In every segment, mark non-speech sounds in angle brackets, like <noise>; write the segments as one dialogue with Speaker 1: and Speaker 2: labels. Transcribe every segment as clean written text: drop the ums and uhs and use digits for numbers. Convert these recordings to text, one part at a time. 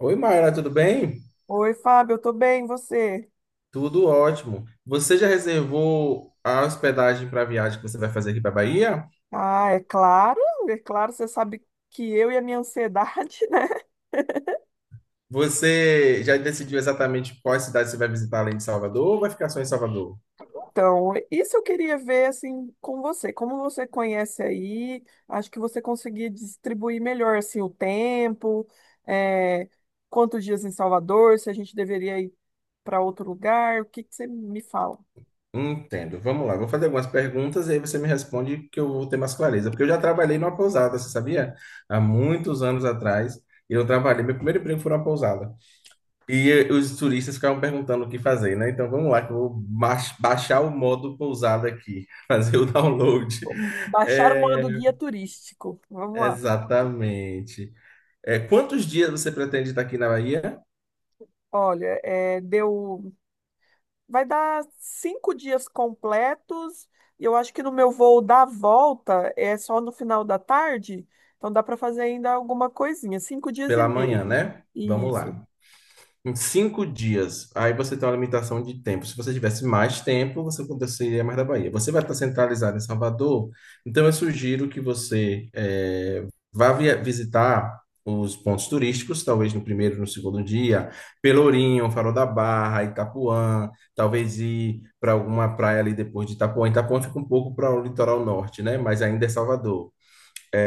Speaker 1: Oi, Mayra, tudo bem?
Speaker 2: Oi, Fábio, eu tô bem, e você?
Speaker 1: Tudo ótimo. Você já reservou a hospedagem para a viagem que você vai fazer aqui para Bahia?
Speaker 2: Ah, é claro, você sabe que eu e a minha ansiedade, <laughs> né?
Speaker 1: Você já decidiu exatamente quais cidades você vai visitar além de Salvador ou vai ficar só em Salvador?
Speaker 2: Então, isso eu queria ver assim com você. Como você conhece aí, acho que você conseguia distribuir melhor assim o tempo, é, quantos dias em Salvador, se a gente deveria ir para outro lugar, o que que você me fala?
Speaker 1: Entendo. Vamos lá, vou fazer algumas perguntas e aí você me responde que eu vou ter mais clareza. Porque eu já trabalhei numa pousada, você sabia? Há muitos anos atrás, eu trabalhei, meu primeiro emprego foi numa pousada. Os turistas ficavam perguntando o que fazer, né? Então vamos lá, que eu vou baixar o modo pousada aqui, <laughs> fazer o download.
Speaker 2: Vamos baixar o modo
Speaker 1: É,
Speaker 2: guia turístico. Vamos lá.
Speaker 1: exatamente. É, quantos dias você pretende estar aqui na Bahia?
Speaker 2: Olha, é, deu. Vai dar cinco dias completos. E eu acho que no meu voo da volta é só no final da tarde. Então dá para fazer ainda alguma coisinha. Cinco dias e
Speaker 1: Pela manhã,
Speaker 2: meio.
Speaker 1: né? Vamos
Speaker 2: Isso,
Speaker 1: lá. Em cinco dias. Aí você tem uma limitação de tempo. Se você tivesse mais tempo, você aconteceria mais da Bahia. Você vai estar centralizado em Salvador, então eu sugiro que você vá visitar os pontos turísticos, talvez no primeiro, no segundo dia, Pelourinho, Farol da Barra, Itapuã, talvez ir para alguma praia ali depois de Itapuã. Itapuã fica um pouco para o litoral norte, né? Mas ainda é Salvador.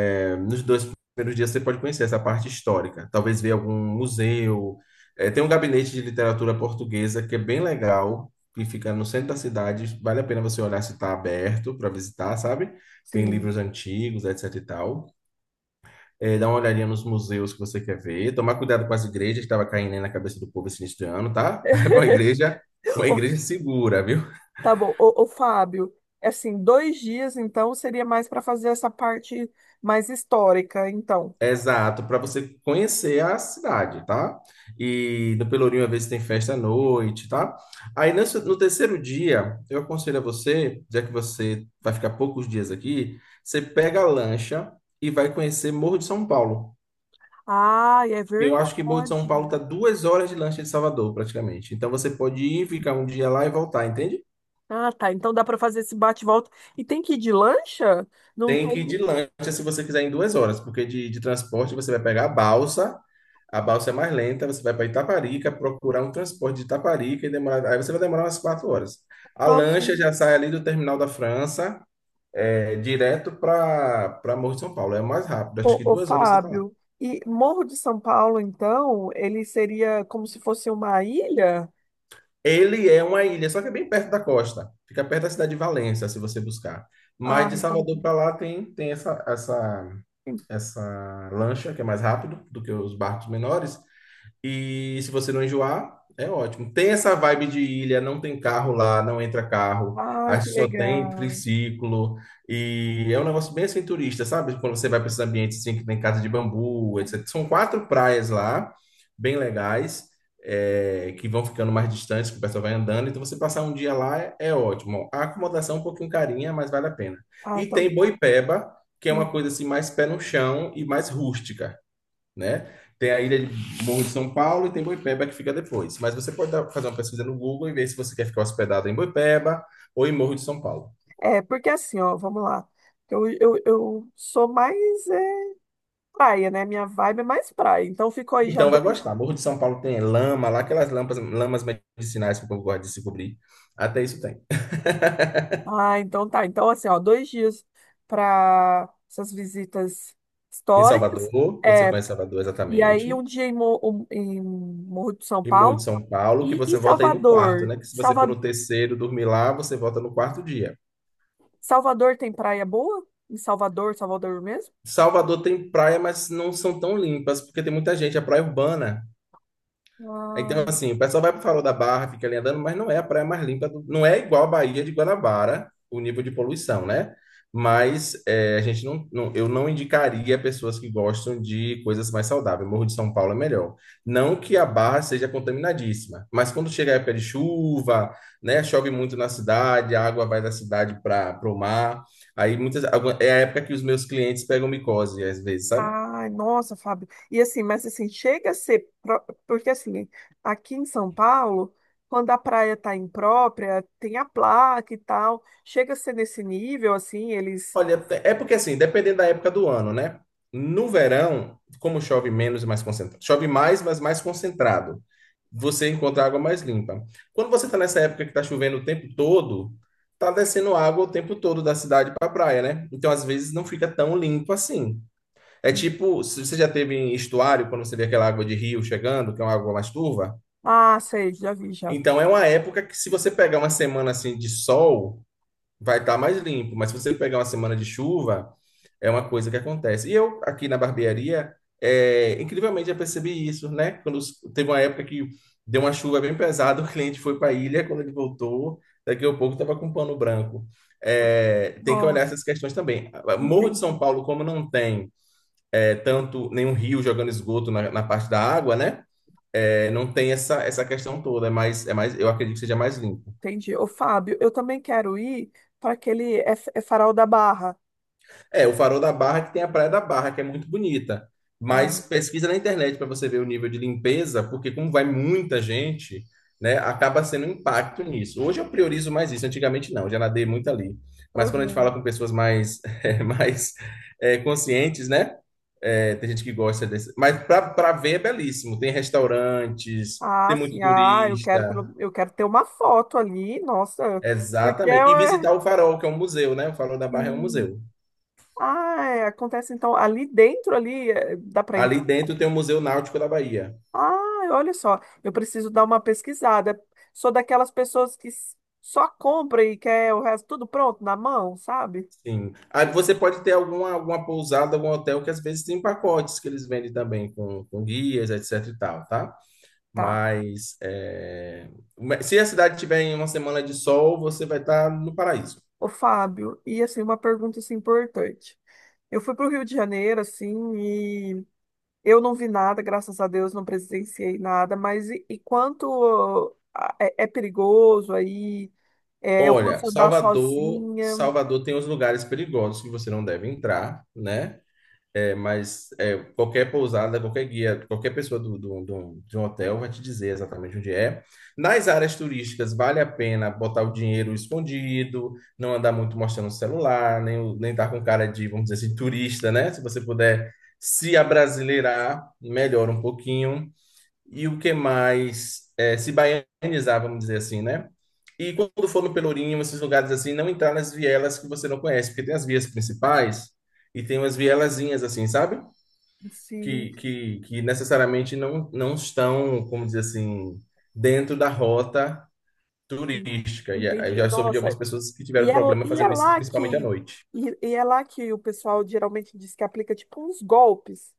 Speaker 1: É, nos dois primeiros dias você pode conhecer essa parte histórica, talvez ver algum museu. É, tem um gabinete de literatura portuguesa que é bem legal, que fica no centro da cidade. Vale a pena você olhar se está aberto para visitar, sabe? Tem
Speaker 2: sim.
Speaker 1: livros antigos, etc e tal. É, dar uma olhadinha nos museus que você quer ver. Tomar cuidado com as igrejas que estava caindo aí na cabeça do povo esse início de ano, tá? <laughs> É uma igreja
Speaker 2: Ô,
Speaker 1: segura, viu?
Speaker 2: tá bom. Ô, ô, Fábio, é assim, dois dias então seria mais para fazer essa parte mais histórica, então.
Speaker 1: É exato, para você conhecer a cidade, tá? E no Pelourinho, às vezes, tem festa à noite, tá? Aí, no terceiro dia, eu aconselho a você, já que você vai ficar poucos dias aqui, você pega a lancha e vai conhecer Morro de São Paulo.
Speaker 2: Ah, é
Speaker 1: Eu acho que Morro de São Paulo tá
Speaker 2: verdade.
Speaker 1: duas horas de lancha de Salvador, praticamente. Então, você pode ir, ficar um dia lá e voltar, entende?
Speaker 2: Ah, tá. Então dá para fazer esse bate-volta. E tem que ir de lancha? Não
Speaker 1: Tem
Speaker 2: tem.
Speaker 1: que ir de lancha se você quiser em duas horas, porque de transporte você vai pegar a balsa é mais lenta, você vai para Itaparica, procurar um transporte de Itaparica e demorar, aí você vai demorar umas quatro horas. A
Speaker 2: Nossa.
Speaker 1: lancha já sai ali do terminal da França, é, direto para Morro de São Paulo, é o mais rápido, acho que
Speaker 2: Ô, ô,
Speaker 1: duas horas você está lá.
Speaker 2: Fábio, e Morro de São Paulo, então, ele seria como se fosse uma ilha?
Speaker 1: Ele é uma ilha, só que é bem perto da costa, fica perto da cidade de Valença, se você buscar. Mas
Speaker 2: Ah,
Speaker 1: de Salvador
Speaker 2: entendi.
Speaker 1: para lá tem essa lancha, que é mais rápido do que os barcos menores. E se você não enjoar, é ótimo. Tem essa vibe de ilha, não tem carro lá, não entra carro.
Speaker 2: Ai,
Speaker 1: Acho
Speaker 2: que
Speaker 1: que só tem
Speaker 2: legal.
Speaker 1: triciclo. E é um negócio bem assim turista, sabe? Quando você vai para esses ambientes assim, que tem casa de bambu, etc. São quatro praias lá, bem legais, é, que vão ficando mais distantes, que o pessoal vai andando. Então você passar um dia lá é, é ótimo. A acomodação é um pouquinho carinha, mas vale a pena.
Speaker 2: Ah,
Speaker 1: E
Speaker 2: então.
Speaker 1: tem Boipeba, que é uma
Speaker 2: Hum.
Speaker 1: coisa assim mais pé no chão e mais rústica, né? Tem a ilha de Morro de São Paulo e tem Boipeba que fica depois. Mas você pode fazer uma pesquisa no Google e ver se você quer ficar hospedado em Boipeba ou em Morro de São Paulo.
Speaker 2: É, porque assim, ó, vamos lá. Eu sou mais é, praia, né? Minha vibe é mais praia. Então, ficou aí já
Speaker 1: Então vai
Speaker 2: dois.
Speaker 1: gostar. Morro de São Paulo tem lama, lá aquelas lampas, lamas medicinais que o povo gosta de se cobrir. Até isso tem.
Speaker 2: Ah, então tá. Então, assim, ó, dois dias para essas visitas
Speaker 1: Em
Speaker 2: históricas.
Speaker 1: Salvador, você
Speaker 2: É,
Speaker 1: conhece Salvador
Speaker 2: e aí, um
Speaker 1: exatamente.
Speaker 2: dia em, em Morro de São
Speaker 1: E Morro
Speaker 2: Paulo.
Speaker 1: de São Paulo, que
Speaker 2: E
Speaker 1: você volta aí no quarto,
Speaker 2: Salvador?
Speaker 1: né? Que se você for no terceiro dormir lá, você volta no quarto dia.
Speaker 2: Salvador tem praia boa? Em Salvador, Salvador mesmo?
Speaker 1: Salvador tem praia, mas não são tão limpas, porque tem muita gente, é praia urbana.
Speaker 2: Ah,
Speaker 1: Então, assim, o pessoal vai para o Farol da Barra, fica ali andando, mas não é a praia mais limpa, não é igual a Baía de Guanabara, o nível de poluição, né? Mas é, a gente não, não- eu não indicaria pessoas que gostam de coisas mais saudáveis. Morro de São Paulo é melhor. Não que a Barra seja contaminadíssima, mas quando chega a época de chuva, né, chove muito na cidade, a água vai da cidade para o mar. Aí é a época que os meus clientes pegam micose, às vezes, sabe?
Speaker 2: ai, nossa, Fábio. E assim, mas assim, chega a ser. Porque assim, aqui em São Paulo, quando a praia tá imprópria, tem a placa e tal. Chega a ser nesse nível, assim, eles.
Speaker 1: Olha, é porque assim, dependendo da época do ano, né? No verão, como chove menos e mais concentrado, chove mais, mas mais concentrado, você encontra água mais limpa. Quando você está nessa época que está chovendo o tempo todo, tá descendo água o tempo todo da cidade para a praia, né? Então, às vezes, não fica tão limpo assim. É tipo, se você já teve em estuário, quando você vê aquela água de rio chegando, que é uma água mais turva.
Speaker 2: Ah, sei, já vi, já.
Speaker 1: Então, é uma época que, se você pegar uma semana assim de sol, vai estar mais limpo. Mas se você pegar uma semana de chuva, é uma coisa que acontece. E eu, aqui na barbearia, é, incrivelmente já percebi isso, né? Quando teve uma época que deu uma chuva bem pesada, <laughs> o cliente foi para a ilha, quando ele voltou, daqui a pouco estava com um pano branco. É, tem que olhar
Speaker 2: Nossa,
Speaker 1: essas questões também. Morro de
Speaker 2: entendi.
Speaker 1: São Paulo, como não tem é, tanto nenhum rio jogando esgoto na parte da água, né? É, não tem essa, essa questão toda, é mais, eu acredito que seja mais limpo.
Speaker 2: Entendi. Ô, Fábio, eu também quero ir para aquele. É, é Farol da Barra.
Speaker 1: É, o Farol da Barra que tem a Praia da Barra, que é muito bonita.
Speaker 2: Ah,
Speaker 1: Mas pesquisa na internet para você ver o nível de limpeza, porque como vai muita gente, né, acaba sendo um impacto nisso. Hoje eu priorizo mais isso, antigamente não, já nadei muito ali. Mas quando a gente fala
Speaker 2: aham.
Speaker 1: com pessoas mais, <laughs> mais conscientes, né? Tem gente que gosta desse. Mas para ver é belíssimo. Tem restaurantes, tem
Speaker 2: Ah,
Speaker 1: muito
Speaker 2: sim, ah, eu quero,
Speaker 1: turista.
Speaker 2: eu quero ter uma foto ali, nossa, porque
Speaker 1: Exatamente.
Speaker 2: eu,
Speaker 1: E
Speaker 2: é,
Speaker 1: visitar o Farol, que é um museu, né? O Farol da Barra é um
Speaker 2: sim.
Speaker 1: museu.
Speaker 2: Ah, é, acontece então ali dentro ali é, dá para
Speaker 1: Ali
Speaker 2: entrar.
Speaker 1: dentro tem o Museu Náutico da Bahia.
Speaker 2: Ah, olha só, eu preciso dar uma pesquisada. Sou daquelas pessoas que só compra e quer o resto tudo pronto na mão, sabe?
Speaker 1: Sim. Aí você pode ter alguma pousada, algum hotel que às vezes tem pacotes que eles vendem também com guias, etc e tal, tá?
Speaker 2: Tá.
Speaker 1: Mas é, se a cidade tiver em uma semana de sol, você vai estar no paraíso.
Speaker 2: Ô, Fábio, e assim uma pergunta assim, importante. Eu fui para o Rio de Janeiro assim. Eu não vi nada, graças a Deus, não presenciei nada, mas e quanto é, é perigoso aí, é, eu
Speaker 1: Olha,
Speaker 2: posso andar sozinha,
Speaker 1: Salvador tem os lugares perigosos que você não deve entrar, né? É, mas é, qualquer pousada, qualquer guia, qualquer pessoa de um hotel vai te dizer exatamente onde é. Nas áreas turísticas, vale a pena botar o dinheiro escondido, não andar muito mostrando o celular, nem estar com cara de, vamos dizer assim, turista, né? Se você puder se abrasileirar, melhora um pouquinho e o que mais se baianizar, vamos dizer assim, né? E quando for no Pelourinho, esses lugares assim, não entrar nas vielas que você não conhece, porque tem as vias principais e tem umas vielazinhas assim, sabe?
Speaker 2: sim,
Speaker 1: Que necessariamente não estão, como dizer assim, dentro da rota
Speaker 2: en-
Speaker 1: turística. E eu
Speaker 2: entendi.
Speaker 1: já soube de
Speaker 2: Nossa,
Speaker 1: algumas pessoas que
Speaker 2: e
Speaker 1: tiveram
Speaker 2: é,
Speaker 1: problema
Speaker 2: e é
Speaker 1: fazendo isso,
Speaker 2: lá
Speaker 1: principalmente à
Speaker 2: que
Speaker 1: noite.
Speaker 2: e é lá que o pessoal geralmente diz que aplica tipo uns golpes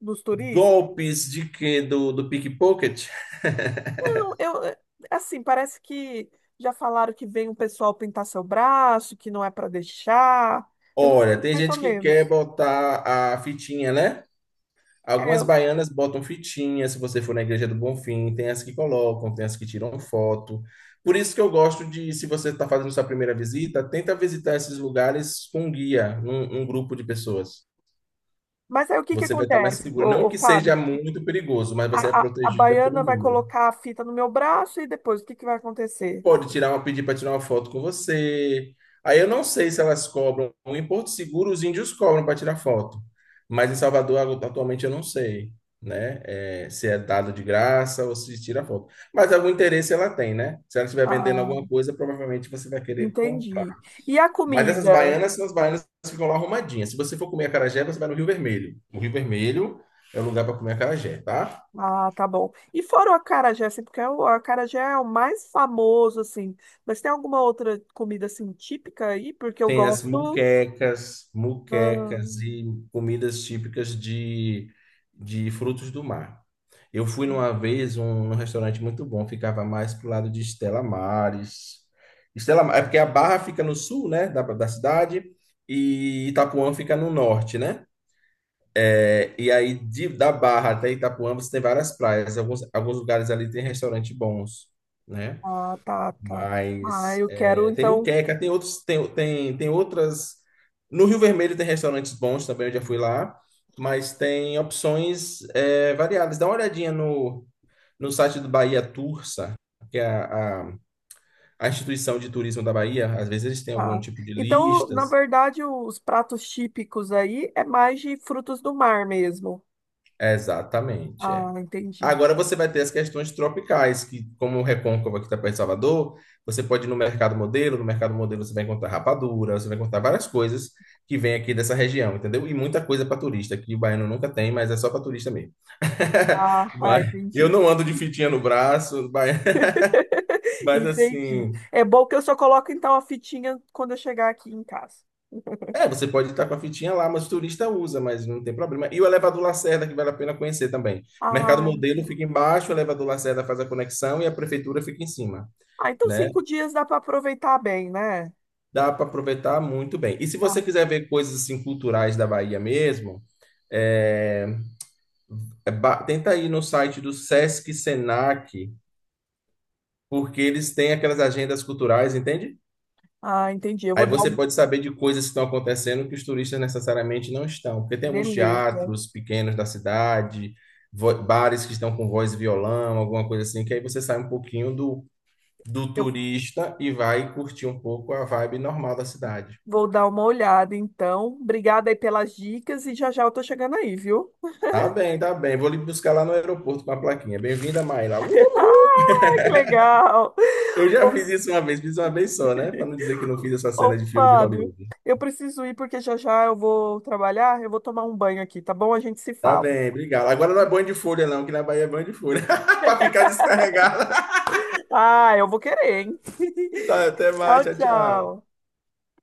Speaker 2: nos turistas.
Speaker 1: Golpes de quê? Do pickpocket?
Speaker 2: Não, eu é, assim, parece que já falaram que vem um pessoal pintar seu braço, que não é para deixar. Eu não
Speaker 1: Olha,
Speaker 2: sei
Speaker 1: tem
Speaker 2: mais ou
Speaker 1: gente que quer
Speaker 2: menos.
Speaker 1: botar a fitinha, né? Algumas baianas botam fitinha, se você for na Igreja do Bonfim, tem as que colocam, tem as que tiram foto. Por isso que eu gosto de, se você está fazendo sua primeira visita, tenta visitar esses lugares com um guia, um grupo de pessoas.
Speaker 2: Mas aí o que que
Speaker 1: Você vai estar mais
Speaker 2: acontece,
Speaker 1: seguro. Não
Speaker 2: ô, ô,
Speaker 1: que seja
Speaker 2: Fábio?
Speaker 1: muito perigoso, mas
Speaker 2: A,
Speaker 1: você é
Speaker 2: a, a
Speaker 1: protegida
Speaker 2: baiana
Speaker 1: pelo
Speaker 2: vai
Speaker 1: número.
Speaker 2: colocar a fita no meu braço e depois o que que vai acontecer?
Speaker 1: Pode tirar uma, pedir para tirar uma foto com você. Aí eu não sei se elas cobram. Em Porto Seguro, os índios cobram para tirar foto. Mas em Salvador, atualmente, eu não sei, né? É, se é dado de graça ou se tira foto. Mas algum interesse ela tem, né? Se ela estiver vendendo alguma
Speaker 2: Ah,
Speaker 1: coisa, provavelmente você vai querer comprar.
Speaker 2: entendi. E a
Speaker 1: Mas essas
Speaker 2: comida?
Speaker 1: baianas são as baianas que ficam lá arrumadinhas. Se você for comer acarajé, você vai no Rio Vermelho. O Rio Vermelho é o lugar para comer acarajé, tá?
Speaker 2: Ah, tá bom. E fora o acarajé, assim, porque é o acarajé é o mais famoso, assim. Mas tem alguma outra comida, assim, típica aí? Porque eu
Speaker 1: Tem as
Speaker 2: gosto.
Speaker 1: muquecas, muquecas
Speaker 2: Ah,
Speaker 1: e comidas típicas de frutos do mar. Eu fui numa vez num restaurante muito bom, ficava mais pro lado de Estela Maris. É porque a Barra fica no sul, né, da cidade, e Itapuã fica no norte, né? É, e aí da Barra até Itapuã você tem várias praias, alguns, alguns lugares ali tem restaurantes bons, né?
Speaker 2: ah, tá, tá. Ah,
Speaker 1: Mas
Speaker 2: eu quero,
Speaker 1: é, tem
Speaker 2: então.
Speaker 1: moqueca, tem outros, tem outras. No Rio Vermelho tem restaurantes bons também, eu já fui lá, mas tem opções é, variadas. Dá uma olhadinha no site do Bahia Tursa, que é a instituição de turismo da Bahia. Às vezes eles têm algum
Speaker 2: Tá.
Speaker 1: tipo de
Speaker 2: Então, na
Speaker 1: listas.
Speaker 2: verdade, os pratos típicos aí é mais de frutos do mar mesmo.
Speaker 1: Exatamente, é.
Speaker 2: Ah, entendi.
Speaker 1: Agora você vai ter as questões tropicais, que como o Recôncavo aqui está perto de Salvador, você pode ir no mercado modelo, no mercado modelo você vai encontrar rapadura, você vai encontrar várias coisas que vem aqui dessa região, entendeu? E muita coisa para turista, que o baiano nunca tem, mas é só para turista mesmo.
Speaker 2: Ah,
Speaker 1: <laughs>
Speaker 2: ah,
Speaker 1: Mas eu
Speaker 2: entendi.
Speaker 1: não ando de fitinha no braço, mas, <laughs>
Speaker 2: <laughs>
Speaker 1: mas
Speaker 2: Entendi.
Speaker 1: assim,
Speaker 2: É bom que eu só coloco então a fitinha quando eu chegar aqui em casa.
Speaker 1: é, você pode estar com a fitinha lá, mas o turista usa, mas não tem problema. E o elevador Lacerda, que vale a pena conhecer também. O
Speaker 2: Ah,
Speaker 1: mercado modelo
Speaker 2: então.
Speaker 1: fica embaixo, o elevador Lacerda faz a conexão e a prefeitura fica em cima,
Speaker 2: Ah, então
Speaker 1: né?
Speaker 2: cinco dias dá para aproveitar bem, né?
Speaker 1: Dá para aproveitar muito bem. E se você
Speaker 2: Ah,
Speaker 1: quiser ver coisas assim culturais da Bahia mesmo, é, tenta ir no site do Sesc Senac, porque eles têm aquelas agendas culturais, entende?
Speaker 2: ah, entendi. Eu
Speaker 1: Aí
Speaker 2: vou dar
Speaker 1: você
Speaker 2: um...
Speaker 1: pode saber de coisas que estão acontecendo que os turistas necessariamente não estão, porque tem alguns
Speaker 2: Beleza.
Speaker 1: teatros pequenos da cidade, bares que estão com voz e violão, alguma coisa assim, que aí você sai um pouquinho do, do
Speaker 2: Eu
Speaker 1: turista e vai curtir um pouco a vibe normal da cidade.
Speaker 2: vou dar uma olhada então. Obrigada aí pelas dicas e já já eu tô chegando aí, viu?
Speaker 1: Tá bem, tá bem. Vou lhe buscar lá no aeroporto com a plaquinha. Bem-vinda, Mayra.
Speaker 2: <laughs> Ah,
Speaker 1: Uhul!
Speaker 2: que legal!
Speaker 1: Eu já fiz isso uma vez, fiz uma vez só, né? Para não dizer que não fiz
Speaker 2: <laughs>
Speaker 1: essa
Speaker 2: Ô,
Speaker 1: cena de filme de
Speaker 2: Fábio,
Speaker 1: Hollywood.
Speaker 2: eu preciso ir porque já já eu vou trabalhar, eu vou tomar um banho aqui, tá bom? A gente se
Speaker 1: Tá
Speaker 2: fala.
Speaker 1: bem, obrigado. Agora não é banho de folha, não, que na Bahia é banho de folha. <laughs> Para ficar descarregada.
Speaker 2: Ah, eu vou querer, hein?
Speaker 1: Tá, até
Speaker 2: <laughs>
Speaker 1: mais,
Speaker 2: Tchau,
Speaker 1: tchau, tchau.
Speaker 2: tchau.